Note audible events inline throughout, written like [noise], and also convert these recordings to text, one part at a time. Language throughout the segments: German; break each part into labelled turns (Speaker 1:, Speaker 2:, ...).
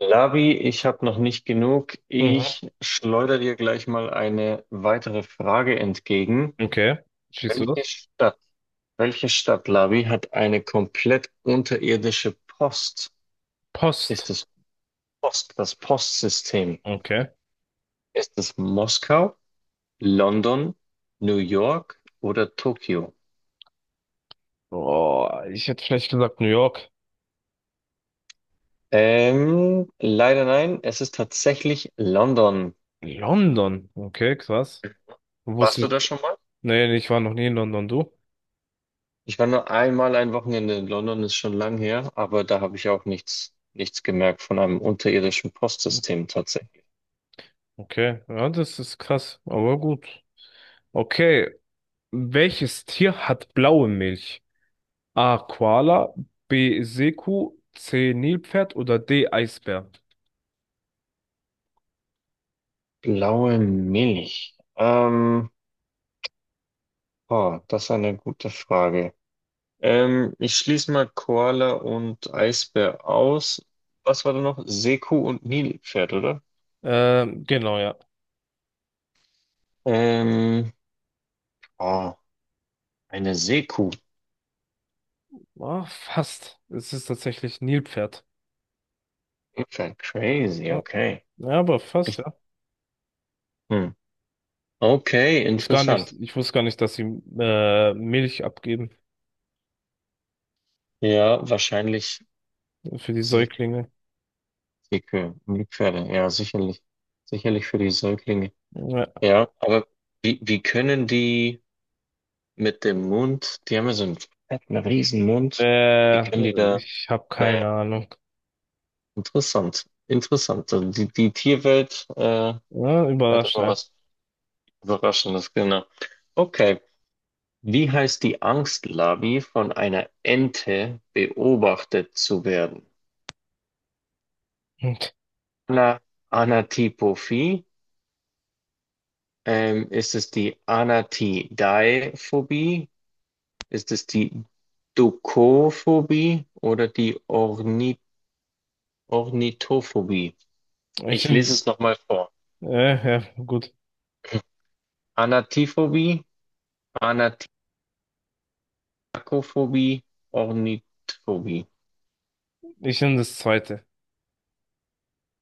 Speaker 1: Labi, ich habe noch nicht genug.
Speaker 2: Mhm.
Speaker 1: Ich schleudere dir gleich mal eine weitere Frage entgegen.
Speaker 2: Okay. Schießt du
Speaker 1: Welche
Speaker 2: das?
Speaker 1: Stadt, welche Stadt, Labi, hat eine komplett unterirdische Post? Ist
Speaker 2: Post.
Speaker 1: es Post, das Postsystem?
Speaker 2: Okay.
Speaker 1: Ist es Moskau, London, New York oder Tokio?
Speaker 2: Oh, ich hätte vielleicht gesagt New York.
Speaker 1: Leider nein, es ist tatsächlich London.
Speaker 2: London. Okay, krass.
Speaker 1: Warst du
Speaker 2: Wusste,
Speaker 1: da schon mal?
Speaker 2: nee, nee, ich war noch nie in London, du?
Speaker 1: Ich war nur einmal ein Wochenende in London, ist schon lang her, aber da habe ich auch nichts gemerkt von einem unterirdischen Postsystem tatsächlich.
Speaker 2: Okay. Ja, das ist krass, aber gut. Okay. Welches Tier hat blaue Milch? A. Koala, B. Seekuh, C. Nilpferd oder D. Eisbär?
Speaker 1: Blaue Milch. Oh, das ist eine gute Frage. Ich schließe mal Koala und Eisbär aus. Was war da noch? Seekuh und Nilpferd, oder?
Speaker 2: Genau, ja.
Speaker 1: Ähm, oh, eine Seekuh.
Speaker 2: Ah, fast. Es ist tatsächlich Nilpferd.
Speaker 1: Nilpferd, crazy,
Speaker 2: Ja,
Speaker 1: okay.
Speaker 2: ja, aber fast,
Speaker 1: Ich,
Speaker 2: ja.
Speaker 1: hm. Okay,
Speaker 2: wusste gar nicht,
Speaker 1: interessant.
Speaker 2: ich wusste gar nicht, dass sie Milch abgeben
Speaker 1: Ja, wahrscheinlich.
Speaker 2: für die Säuglinge.
Speaker 1: Dicke Müllpferde, ja, sicherlich. Sicherlich für die Säuglinge.
Speaker 2: Ja.
Speaker 1: Ja, aber wie können die mit dem Mund, die haben ja so einen fetten riesen Mund. Wie
Speaker 2: Äh,
Speaker 1: können die da,
Speaker 2: Ich habe
Speaker 1: naja,
Speaker 2: keine Ahnung.
Speaker 1: interessant, interessant. Also die Tierwelt,
Speaker 2: Ja,
Speaker 1: hat immer
Speaker 2: überraschend.
Speaker 1: was Überraschendes, genau. Okay, wie heißt die Angstlarvi von einer Ente beobachtet zu werden?
Speaker 2: [laughs]
Speaker 1: Ana, Anatipophie, ist es die Anatidaephobie? Ist es die Dukophobie oder die Ornithophobie?
Speaker 2: Ich
Speaker 1: Ich lese
Speaker 2: nehm,
Speaker 1: es nochmal vor.
Speaker 2: ja, gut.
Speaker 1: Anatiphobie, Anatiakophobie, Ornithophobie.
Speaker 2: Ich nehm das zweite.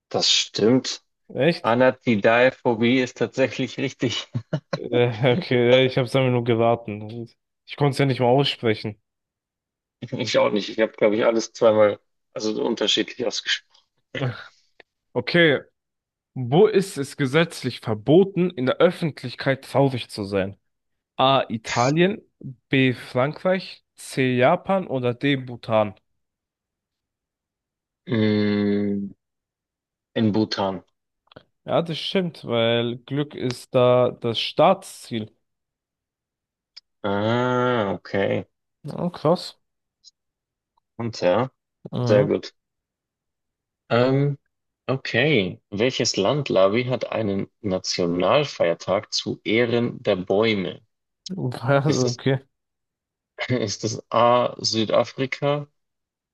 Speaker 1: Das stimmt.
Speaker 2: Echt?
Speaker 1: Anatidaephobie ist tatsächlich richtig. [laughs]
Speaker 2: Okay, ich hab's einfach nur geraten. Ich konnte es ja nicht mal aussprechen.
Speaker 1: Ich auch nicht. Ich habe, glaube ich, alles zweimal, also unterschiedlich ausgesprochen.
Speaker 2: [laughs] Okay, wo ist es gesetzlich verboten, in der Öffentlichkeit traurig zu sein? A. Italien, B. Frankreich, C. Japan oder D. Bhutan?
Speaker 1: Mm, in Bhutan.
Speaker 2: Ja, das stimmt, weil Glück ist da das Staatsziel.
Speaker 1: Ah, okay.
Speaker 2: Oh krass.
Speaker 1: Und ja, sehr
Speaker 2: Mhm.
Speaker 1: gut. Ähm, okay. Welches Land, Lavi, hat einen Nationalfeiertag zu Ehren der Bäume?
Speaker 2: [laughs]
Speaker 1: Ist
Speaker 2: Also,
Speaker 1: es,
Speaker 2: okay.
Speaker 1: [laughs] ist es A. Südafrika,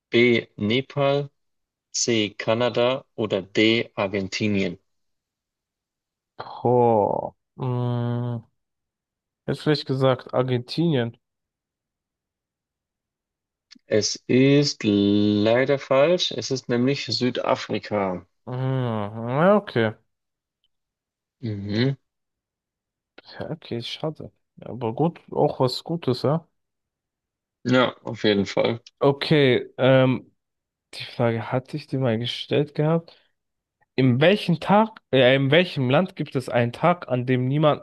Speaker 1: B. Nepal, C. Kanada oder D. Argentinien?
Speaker 2: Boah. Mhm. Hätte vielleicht gesagt Argentinien.
Speaker 1: Es ist leider falsch. Es ist nämlich Südafrika.
Speaker 2: Mhm. Ja, okay.
Speaker 1: Mhm.
Speaker 2: Ja, okay, schade. Ja, aber gut, auch was Gutes, ja.
Speaker 1: Ja, auf jeden Fall.
Speaker 2: Okay, die Frage hatte ich dir mal gestellt gehabt. In welchem Land gibt es einen Tag, an dem niemand,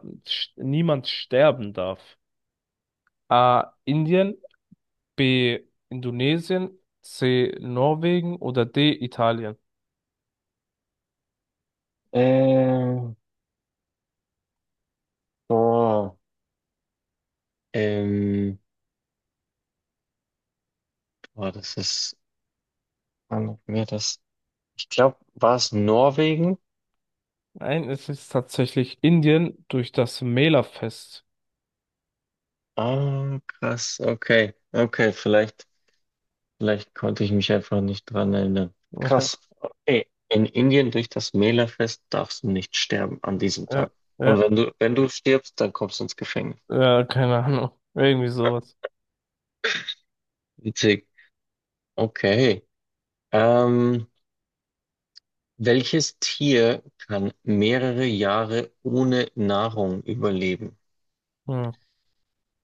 Speaker 2: niemand sterben darf? A. Indien. B. Indonesien, C. Norwegen oder D. Italien?
Speaker 1: Ähm, Boah. Ähm, Boah, das ist, wann hatten wir das? Ich glaube, war es Norwegen?
Speaker 2: Nein, es ist tatsächlich Indien durch das Mela-Fest.
Speaker 1: Ah, krass, okay, okay, vielleicht konnte ich mich einfach nicht dran erinnern. Krass,
Speaker 2: [laughs]
Speaker 1: okay. In Indien durch das Mela-Fest darfst du nicht sterben an diesem
Speaker 2: Ja,
Speaker 1: Tag.
Speaker 2: ja,
Speaker 1: Und
Speaker 2: ja,
Speaker 1: wenn du stirbst, dann kommst du ins Gefängnis.
Speaker 2: ja, keine Ahnung. Irgendwie sowas.
Speaker 1: Witzig. Okay. Ähm, Welches Tier kann mehrere Jahre ohne Nahrung überleben?
Speaker 2: Hm,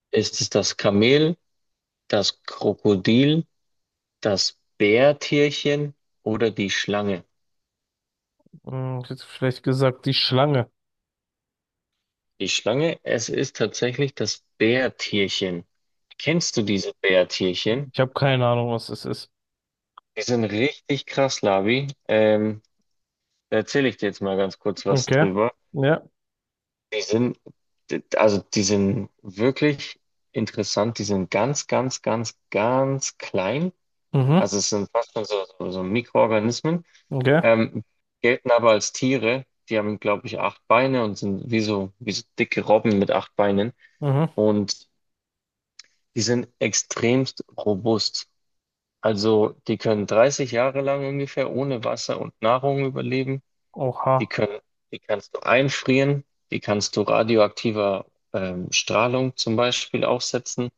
Speaker 1: Ist es das Kamel, das Krokodil, das Bärtierchen oder die Schlange?
Speaker 2: ich hätte vielleicht gesagt, die Schlange.
Speaker 1: Die Schlange, es ist tatsächlich das Bärtierchen. Kennst du diese Bärtierchen?
Speaker 2: Ich habe keine Ahnung, was es ist.
Speaker 1: Die sind richtig krass, Labi. Da erzähle ich dir jetzt mal ganz kurz was
Speaker 2: Okay.
Speaker 1: drüber.
Speaker 2: Ja.
Speaker 1: Die sind, also die sind wirklich interessant. Die sind ganz, ganz, ganz, ganz klein.
Speaker 2: Mhm.
Speaker 1: Also es sind fast schon so Mikroorganismen.
Speaker 2: Okay.
Speaker 1: Ähm, Gelten aber als Tiere. Die haben, glaube ich, acht Beine und sind wie so dicke Robben mit acht Beinen.
Speaker 2: Mhm.
Speaker 1: Und die sind extremst robust. Also die können 30 Jahre lang ungefähr ohne Wasser und Nahrung überleben.
Speaker 2: Oha.
Speaker 1: Die können, die kannst du einfrieren, die kannst du radioaktiver Strahlung zum Beispiel aussetzen.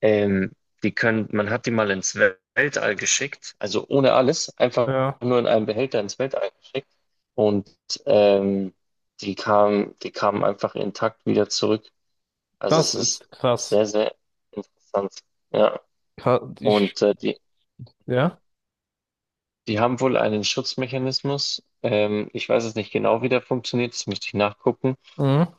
Speaker 1: Ähm, Man hat die mal ins Weltall geschickt, also ohne alles, einfach
Speaker 2: Ja.
Speaker 1: nur in einem Behälter ins Weltall geschickt. Und ähm, die kamen einfach intakt wieder zurück. Also es
Speaker 2: Das
Speaker 1: ist
Speaker 2: ist krass.
Speaker 1: sehr, sehr interessant. Ja.
Speaker 2: Ka- Ich.
Speaker 1: Und äh, die,
Speaker 2: Ja.
Speaker 1: die haben wohl einen Schutzmechanismus. Ich weiß es nicht genau, wie der funktioniert, das müsste ich nachgucken.
Speaker 2: Mhm.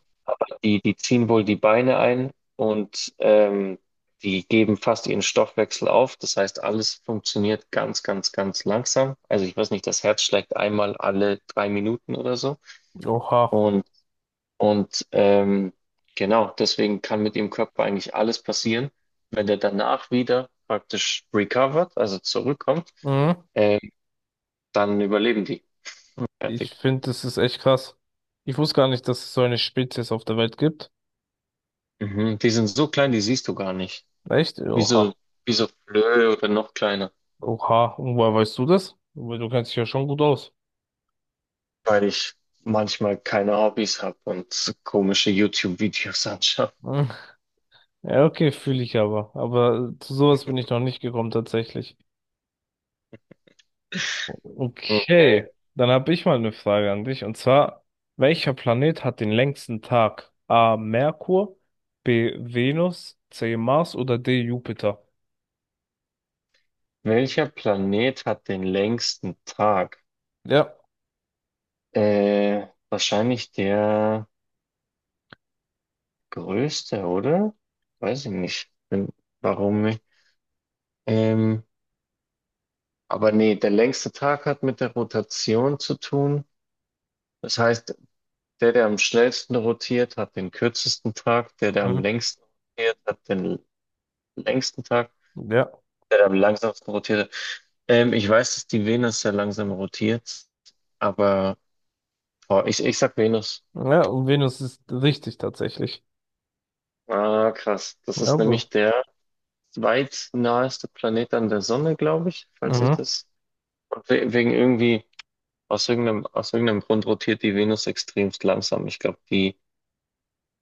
Speaker 1: Die ziehen wohl die Beine ein und die geben fast ihren Stoffwechsel auf. Das heißt, alles funktioniert ganz, ganz, ganz langsam. Also ich weiß nicht, das Herz schlägt einmal alle 3 Minuten oder so.
Speaker 2: Oha.
Speaker 1: Und, und genau, deswegen kann mit dem Körper eigentlich alles passieren. Wenn der danach wieder praktisch recovered, also zurückkommt,
Speaker 2: Mhm.
Speaker 1: äh, dann überleben die.
Speaker 2: Ich
Speaker 1: Perfekt.
Speaker 2: finde, das ist echt krass. Ich wusste gar nicht, dass es so eine Spezies auf der Welt gibt.
Speaker 1: Mhm. Die sind so klein, die siehst du gar nicht.
Speaker 2: Echt?
Speaker 1: Wie
Speaker 2: Oha.
Speaker 1: so, wie so Flöhe oder noch kleiner.
Speaker 2: Oha. Und woher weißt du das? Weil du kennst dich ja schon gut aus. [laughs]
Speaker 1: Weil ich manchmal keine Hobbys habe und komische YouTube-Videos anschaue.
Speaker 2: Hm. Ja, okay, fühle ich aber. Aber zu sowas bin ich noch nicht gekommen, tatsächlich.
Speaker 1: Okay.
Speaker 2: Okay, dann habe ich mal eine Frage an dich. Und zwar, welcher Planet hat den längsten Tag? A. Merkur, B. Venus, C. Mars oder D. Jupiter?
Speaker 1: Welcher Planet hat den längsten Tag?
Speaker 2: Ja.
Speaker 1: Wahrscheinlich der größte, oder? Weiß ich nicht. Warum nicht? Ähm, aber nee, der längste Tag hat mit der Rotation zu tun. Das heißt, der, der am schnellsten rotiert, hat den kürzesten Tag. Der, der am
Speaker 2: Mhm.
Speaker 1: längsten rotiert, hat den längsten Tag.
Speaker 2: Ja.
Speaker 1: Der, der am langsamsten rotiert. Ich weiß, dass die Venus sehr langsam rotiert, aber boah, ich sag Venus.
Speaker 2: Ja, und Venus ist richtig tatsächlich.
Speaker 1: Ah, krass. Das
Speaker 2: Ja,
Speaker 1: ist nämlich der zweitnaheste Planet an der Sonne, glaube ich, falls ich
Speaker 2: mhm.
Speaker 1: das. Und wegen irgendwie, aus irgendeinem Grund rotiert die Venus extremst langsam. Ich glaube, die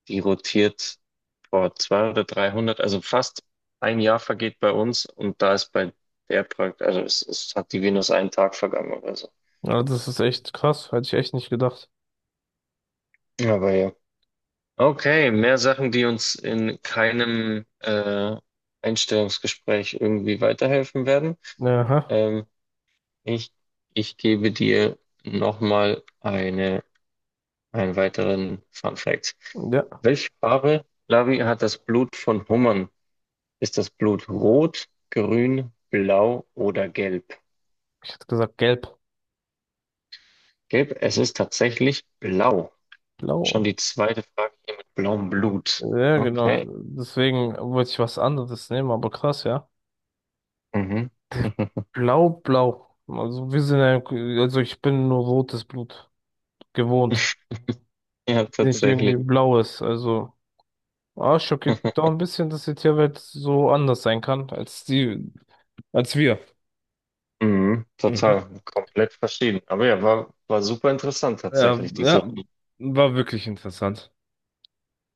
Speaker 1: Die rotiert vor 200 oder 300, also fast ein Jahr vergeht bei uns und da ist bei der praktisch, also es hat die Venus einen Tag vergangen oder so.
Speaker 2: Ja, das ist echt krass, hätte ich echt nicht gedacht.
Speaker 1: Aber ja. Okay, mehr Sachen, die uns in keinem Einstellungsgespräch irgendwie weiterhelfen werden.
Speaker 2: Aha.
Speaker 1: Ähm, ich, ich gebe dir nochmal einen weiteren Fun Fact.
Speaker 2: Ja,
Speaker 1: Welche Farbe, Lavi, hat das Blut von Hummern? Ist das Blut rot, grün, blau oder gelb?
Speaker 2: ich hätte gesagt gelb,
Speaker 1: Gelb, es ist tatsächlich blau. Schon
Speaker 2: blau.
Speaker 1: die zweite Frage hier mit blauem Blut.
Speaker 2: Ja, genau.
Speaker 1: Okay.
Speaker 2: Deswegen wollte ich was anderes nehmen, aber krass, ja.
Speaker 1: Mhm. [laughs]
Speaker 2: Blau, blau. Also wir sind ja, also ich bin nur rotes Blut gewohnt,
Speaker 1: Ja,
Speaker 2: nicht irgendwie
Speaker 1: tatsächlich.
Speaker 2: blaues. Also, ah, schockiert mich doch
Speaker 1: [laughs]
Speaker 2: ein bisschen, dass die Tierwelt so anders sein kann als die, als wir.
Speaker 1: Mhm.
Speaker 2: Mhm.
Speaker 1: Total, komplett verschieden. Aber ja, war super interessant
Speaker 2: Ja,
Speaker 1: tatsächlich, diese
Speaker 2: ja,
Speaker 1: Runde.
Speaker 2: war wirklich interessant.